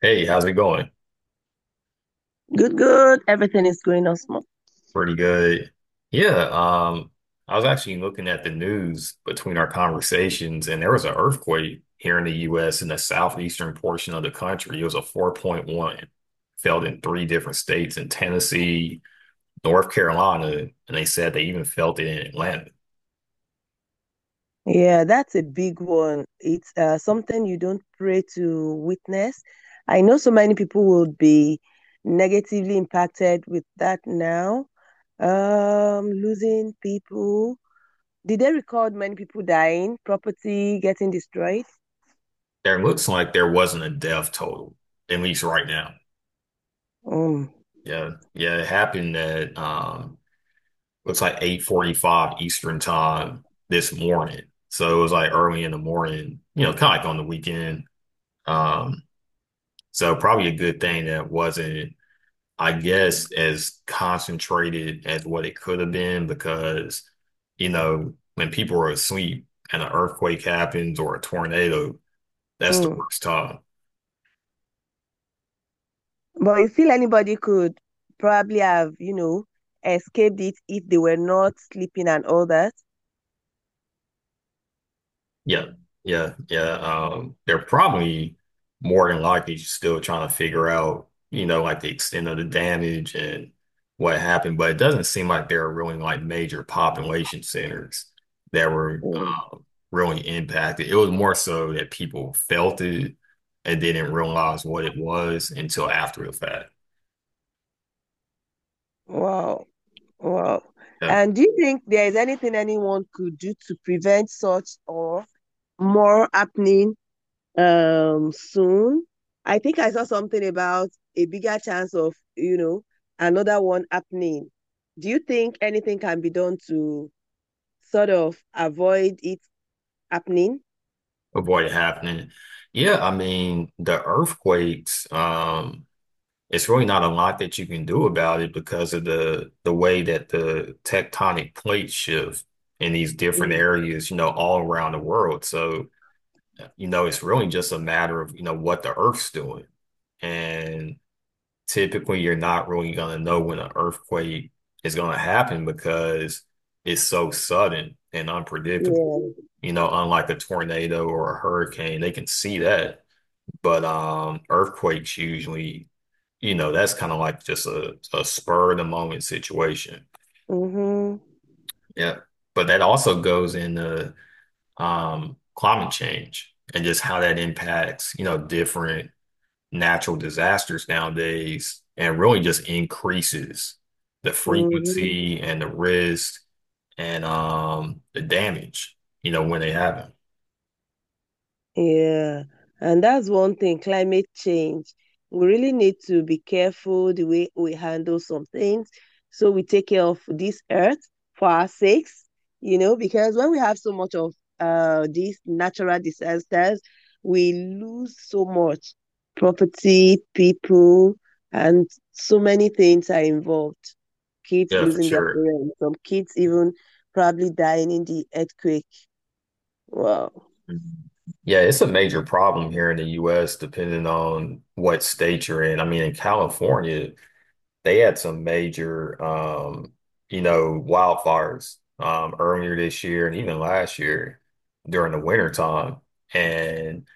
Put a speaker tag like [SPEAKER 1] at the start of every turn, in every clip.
[SPEAKER 1] Hey, how's it going?
[SPEAKER 2] Good, good. Everything is going on smooth.
[SPEAKER 1] Pretty good. Yeah, um, I was actually looking at the news between our conversations, and there was an earthquake here in the US in the southeastern portion of the country. It was a 4.1, felt in three different states in Tennessee, North Carolina, and they said they even felt it in Atlanta.
[SPEAKER 2] Yeah, that's a big one. It's something you don't pray to witness. I know so many people will be negatively impacted with that now. Losing people. Did they record many people dying, property getting destroyed?
[SPEAKER 1] There looks like there wasn't a death total, at least right now.
[SPEAKER 2] Mm,
[SPEAKER 1] Yeah, yeah, it happened at looks like 8:45 Eastern time this morning. So it was like early in the morning, you know, kind of like on the weekend. Um, so probably a good thing that wasn't, I guess, as concentrated as what it could have been because, you know, when people are asleep and an earthquake happens or a tornado, that's the
[SPEAKER 2] mm.
[SPEAKER 1] worst time.
[SPEAKER 2] But you feel anybody could probably have, escaped it if they were not sleeping and all that.
[SPEAKER 1] Yeah, yeah, yeah. They're probably more than likely still trying to figure out, you know, like the extent of the damage and what happened. But it doesn't seem like there are really like major population centers that were
[SPEAKER 2] Mm.
[SPEAKER 1] really impacted. It was more so that people felt it and didn't realize what it was until after the fact.
[SPEAKER 2] Wow. Wow.
[SPEAKER 1] Yeah,
[SPEAKER 2] And do you think there is anything anyone could do to prevent such or more happening soon? I think I saw something about a bigger chance of, another one happening. Do you think anything can be done to sort of avoid it happening?
[SPEAKER 1] avoid it happening. Yeah, I mean, the earthquakes, it's really not a lot that you can do about it because of the way that the tectonic plates shift in these different
[SPEAKER 2] Yeah.
[SPEAKER 1] areas, you know, all around the world. So, you know, it's really just a matter of, you know, what the Earth's doing. And typically you're not really going to know when an earthquake is going to happen because it's so sudden and unpredictable.
[SPEAKER 2] Yeah.
[SPEAKER 1] You know, unlike a tornado or a hurricane, they can see that but earthquakes usually, you know, that's kind of like just a spur of the moment situation.
[SPEAKER 2] Mm-hmm.
[SPEAKER 1] Yeah. But that also goes into climate change and just how that impacts, you know, different natural disasters nowadays and really just increases the
[SPEAKER 2] Mm-hmm.
[SPEAKER 1] frequency and the risk and the damage, you know, when they happen.
[SPEAKER 2] Yeah, and that's one thing, climate change. We really need to be careful the way we handle some things. So we take care of this earth for our sakes, you know, because when we have so much of these natural disasters, we lose so much property, people, and so many things are involved. Kids
[SPEAKER 1] Yeah, for
[SPEAKER 2] losing their
[SPEAKER 1] sure.
[SPEAKER 2] parents, some kids even probably dying in the earthquake. Wow.
[SPEAKER 1] Mhm. Yeah, it's a major problem here in the US, depending on what state you're in. I mean, in California, they had some major, you know, wildfires earlier this year and even last year during the winter time. And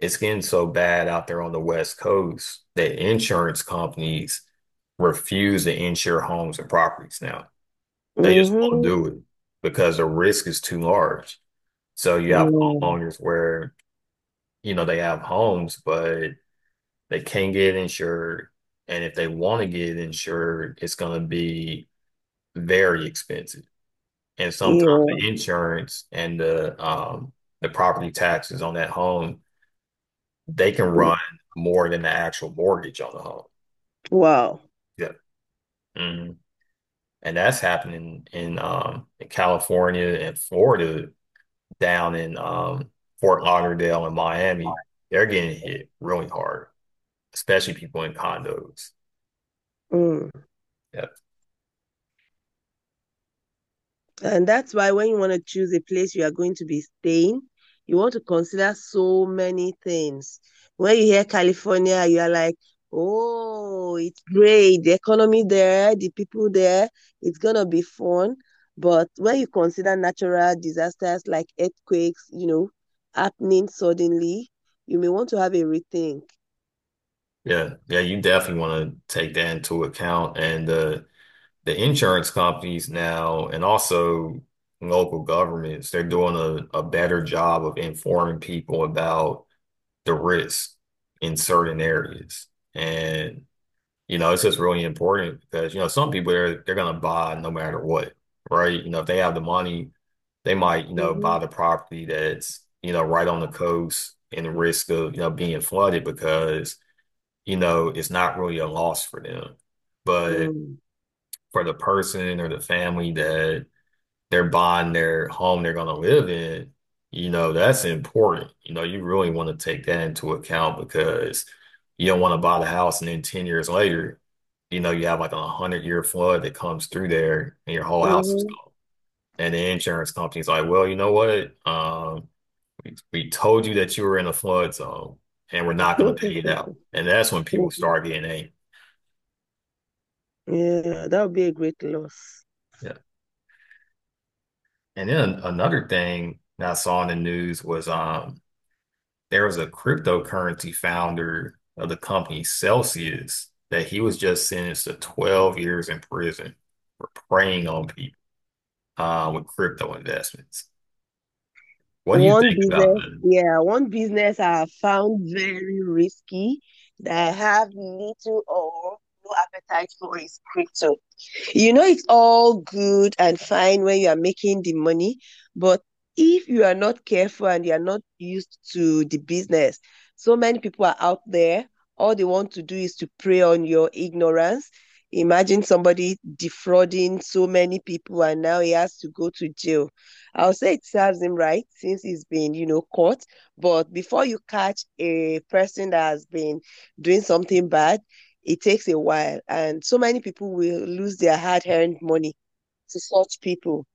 [SPEAKER 1] it's getting so bad out there on the West Coast that insurance companies refuse to insure homes and properties now. They just won't
[SPEAKER 2] Mm-hmm.
[SPEAKER 1] do it because the risk is too large. So you
[SPEAKER 2] Yeah.
[SPEAKER 1] have homeowners where you know, they have homes, but they can't get insured. And if they want to get insured, it's going to be very expensive. And sometimes
[SPEAKER 2] Yeah.
[SPEAKER 1] the insurance and the property taxes on that home, they can run more than the actual mortgage on the home.
[SPEAKER 2] Wow.
[SPEAKER 1] Yeah. Mhm. And that's happening in California and Florida, down in Fort Lauderdale and Miami. They're getting hit really hard, especially people in condos.
[SPEAKER 2] Mm.
[SPEAKER 1] Yeah.
[SPEAKER 2] And that's why when you want to choose a place you are going to be staying, you want to consider so many things. When you hear California, you are like, oh, it's great. The economy there, the people there, it's going to be fun. But when you consider natural disasters like earthquakes, you know, happening suddenly, you may want to have a rethink.
[SPEAKER 1] Yeah, yeah, you definitely want to take that into account. And the insurance companies now and also local governments, they're doing a better job of informing people about the risk in certain areas. And you know, it's just really important because you know, some people they're gonna buy no matter what, right? You know, if they have the money, they might, you know,
[SPEAKER 2] Mm-hmm.
[SPEAKER 1] buy the property that's, you know, right on the coast and the risk of, you know, being flooded because you know, it's not really a loss for them. But
[SPEAKER 2] Mm.
[SPEAKER 1] for the person or the family that they're buying their home they're going to live in, you know, that's important. You know, you really want to take that into account because you don't want to buy the house and then 10 years later, you know, you have like a 100-year flood that comes through there and your whole house is gone. And the insurance company's like, well, you know what? We told you that you were in a flood zone and we're not going to pay it out.
[SPEAKER 2] Mm-hmm.
[SPEAKER 1] And that's when people start getting angry.
[SPEAKER 2] Yeah, that would be a great loss.
[SPEAKER 1] And then another thing that I saw in the news was there was a cryptocurrency founder of the company Celsius that he was just sentenced to 12 years in prison for preying on people with crypto investments. What do you
[SPEAKER 2] One
[SPEAKER 1] think about
[SPEAKER 2] business,
[SPEAKER 1] that?
[SPEAKER 2] yeah, one business I found very risky that I have little or no appetite for is crypto. You know, it's all good and fine when you are making the money, but if you are not careful and you are not used to the business, so many people are out there. All they want to do is to prey on your ignorance. Imagine somebody defrauding so many people and now he has to go to jail. I'll say it serves him right since he's been, you know, caught. But before you catch a person that has been doing something bad, it takes a while. And so many people will lose their hard earned money to such people.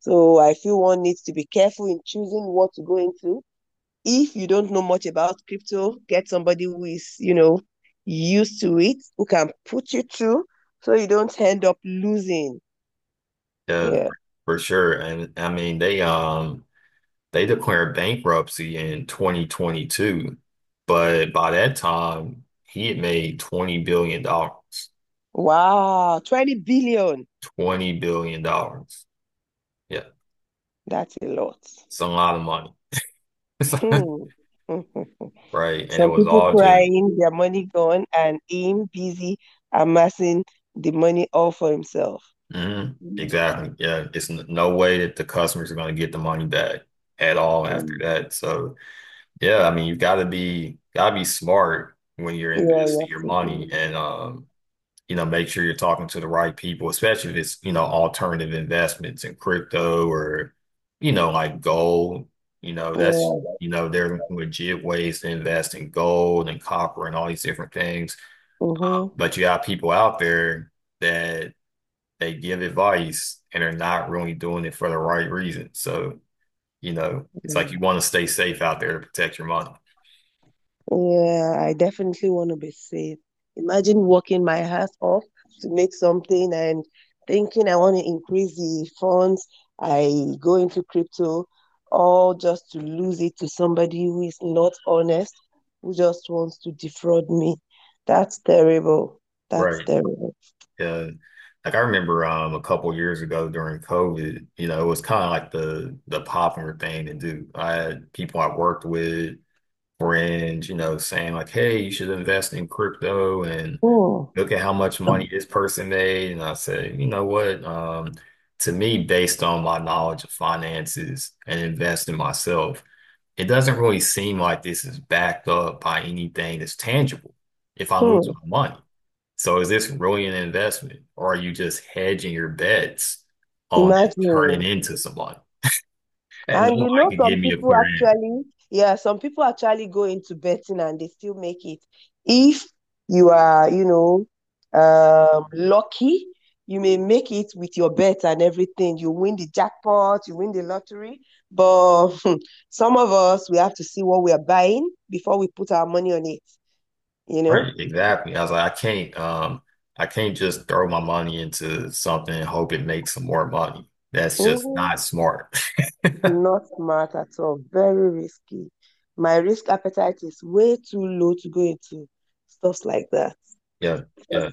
[SPEAKER 2] So I feel one needs to be careful in choosing what to go into. If you don't know much about crypto, get somebody who is, you know, used to it, who can put you through so you don't end up losing.
[SPEAKER 1] Yeah,
[SPEAKER 2] Yeah.
[SPEAKER 1] for sure. And I mean they declared bankruptcy in 2022, but by that time he had made 20 billion dollars.
[SPEAKER 2] Wow, 20 billion.
[SPEAKER 1] 20 billion dollars. Yeah.
[SPEAKER 2] That's a lot.
[SPEAKER 1] It's a lot of money,
[SPEAKER 2] Hmm.
[SPEAKER 1] right? And it
[SPEAKER 2] Some
[SPEAKER 1] was
[SPEAKER 2] people
[SPEAKER 1] all just,
[SPEAKER 2] crying, their money gone, and him busy amassing the money all for himself.
[SPEAKER 1] mhm,
[SPEAKER 2] Mm.
[SPEAKER 1] exactly. Yeah, it's n no way that the customers are going to get the money back at all after
[SPEAKER 2] Yeah,
[SPEAKER 1] that. So, yeah, I mean, you got to be smart when you're investing
[SPEAKER 2] you
[SPEAKER 1] your
[SPEAKER 2] have to
[SPEAKER 1] money
[SPEAKER 2] do.
[SPEAKER 1] and you know, make sure you're talking to the right people, especially if it's, you know, alternative investments in crypto or, you know, like gold. You know, that's,
[SPEAKER 2] Yeah.
[SPEAKER 1] you know, there are legit ways to invest in gold and copper and all these different things.
[SPEAKER 2] Mm-hmm.
[SPEAKER 1] But you got people out there that they give advice and are not really doing it for the right reason. So, you know, it's like you
[SPEAKER 2] Yeah.
[SPEAKER 1] want to stay safe out there to protect your money.
[SPEAKER 2] Yeah, I definitely want to be safe. Imagine working my ass off to make something and thinking I want to increase the funds. I go into crypto, all just to lose it to somebody who is not honest, who just wants to defraud me. That's terrible. That's
[SPEAKER 1] Right.
[SPEAKER 2] terrible.
[SPEAKER 1] Uh, like I remember a couple years ago during COVID, you know, it was kind of like the popular thing to do. I had people I worked with, friends, you know, saying like, hey, you should invest in crypto and
[SPEAKER 2] Hmm.
[SPEAKER 1] look at how much money this person made. And I said, you know what? To me, based on my knowledge of finances and investing myself, it doesn't really seem like this is backed up by anything that's tangible if I lose my
[SPEAKER 2] Hmm.
[SPEAKER 1] money. So is this really an investment, or are you just hedging your bets on it
[SPEAKER 2] Imagine.
[SPEAKER 1] turning into someone? And
[SPEAKER 2] And you
[SPEAKER 1] nobody
[SPEAKER 2] know,
[SPEAKER 1] could
[SPEAKER 2] some
[SPEAKER 1] give me a
[SPEAKER 2] people
[SPEAKER 1] clear.
[SPEAKER 2] actually, yeah, some people actually go into betting and they still make it. If you are, lucky, you may make it with your bet and everything. You win the jackpot, you win the lottery. But some of us, we have to see what we are buying before we put our money on it, you know?
[SPEAKER 1] Right, exactly. I was like, I can't just throw my money into something and hope it makes some more money. That's just
[SPEAKER 2] Mhm.
[SPEAKER 1] not smart.
[SPEAKER 2] Not smart at all. Very risky. My risk appetite is way too low to go into stuff like that.
[SPEAKER 1] Yeah, yeah.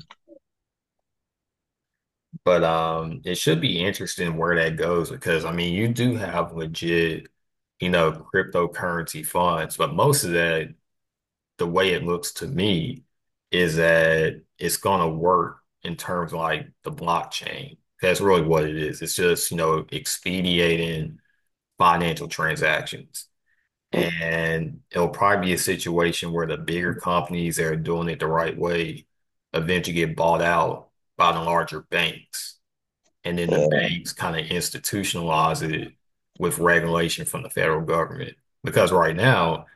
[SPEAKER 1] But it should be interesting where that goes because I mean, you do have legit, you know, cryptocurrency funds, but most of that, the way it looks to me, is that it's gonna work in terms of like the blockchain. That's really what it is. It's just, you know, expediting financial transactions. And it'll probably be a situation where the bigger companies that are doing it the right way eventually get bought out by the larger banks. And then the
[SPEAKER 2] Yeah.
[SPEAKER 1] banks kind of institutionalize it with regulation from the federal government. Because right now,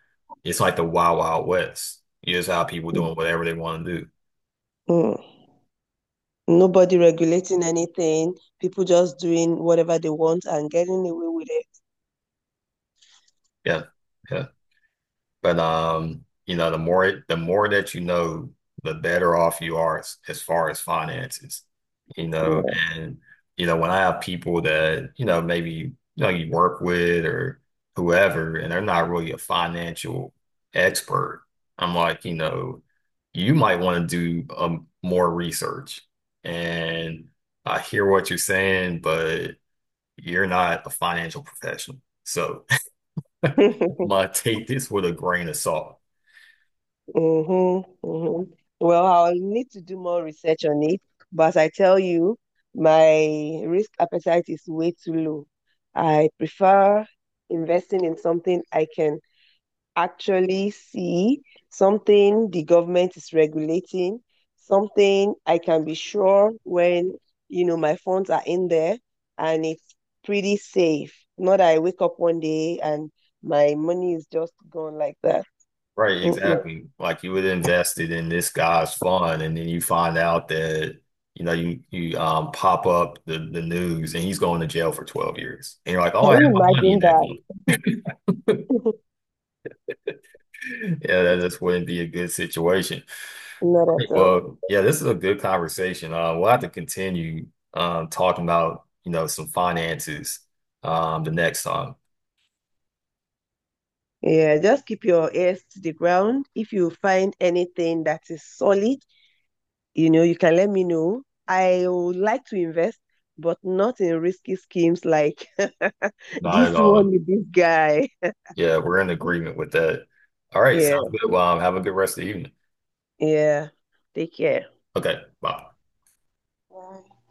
[SPEAKER 1] it's like the wild, wild west. You just have people doing whatever they want to do.
[SPEAKER 2] Mm. Nobody regulating anything, people just doing whatever they want and getting away with it.
[SPEAKER 1] Yeah. Yeah. But you know, the more that you know, the better off you are as far as finances. You know,
[SPEAKER 2] Yeah.
[SPEAKER 1] and you know, when I have people that, you know, maybe you know you work with or whoever, and they're not really a financial expert, I'm like, you know, you might want to do more research. And I hear what you're saying, but you're not a financial professional. So, my take this with a grain of salt.
[SPEAKER 2] Mm-hmm, mm-hmm. Well, I'll need to do more research on it, but I tell you, my risk appetite is way too low. I prefer investing in something I can actually see, something the government is regulating, something I can be sure when, you know, my funds are in there and it's pretty safe. Not that I wake up one day and my money is just gone like that.
[SPEAKER 1] Right,
[SPEAKER 2] Mm-mm.
[SPEAKER 1] exactly. Like you would invested in this guy's fund, and then you find out that you know you pop up the news, and he's going to jail for 12 years, and you're like, oh, I
[SPEAKER 2] Can
[SPEAKER 1] had
[SPEAKER 2] you
[SPEAKER 1] my money in
[SPEAKER 2] imagine
[SPEAKER 1] that company.
[SPEAKER 2] that?
[SPEAKER 1] Yeah, that just wouldn't be a good situation.
[SPEAKER 2] Not
[SPEAKER 1] Right,
[SPEAKER 2] at all.
[SPEAKER 1] well, yeah, this is a good conversation. We'll have to continue talking about you know some finances the next time.
[SPEAKER 2] Yeah, just keep your ears to the ground. If you find anything that is solid, you know, you can let me know. I would like to invest, but not in risky schemes like
[SPEAKER 1] Not at
[SPEAKER 2] this one
[SPEAKER 1] all.
[SPEAKER 2] with this guy.
[SPEAKER 1] Yeah, we're in agreement with that. All right,
[SPEAKER 2] Yeah,
[SPEAKER 1] sounds good. Have a good rest of the evening.
[SPEAKER 2] yeah. Take care.
[SPEAKER 1] Okay, bye.
[SPEAKER 2] Bye.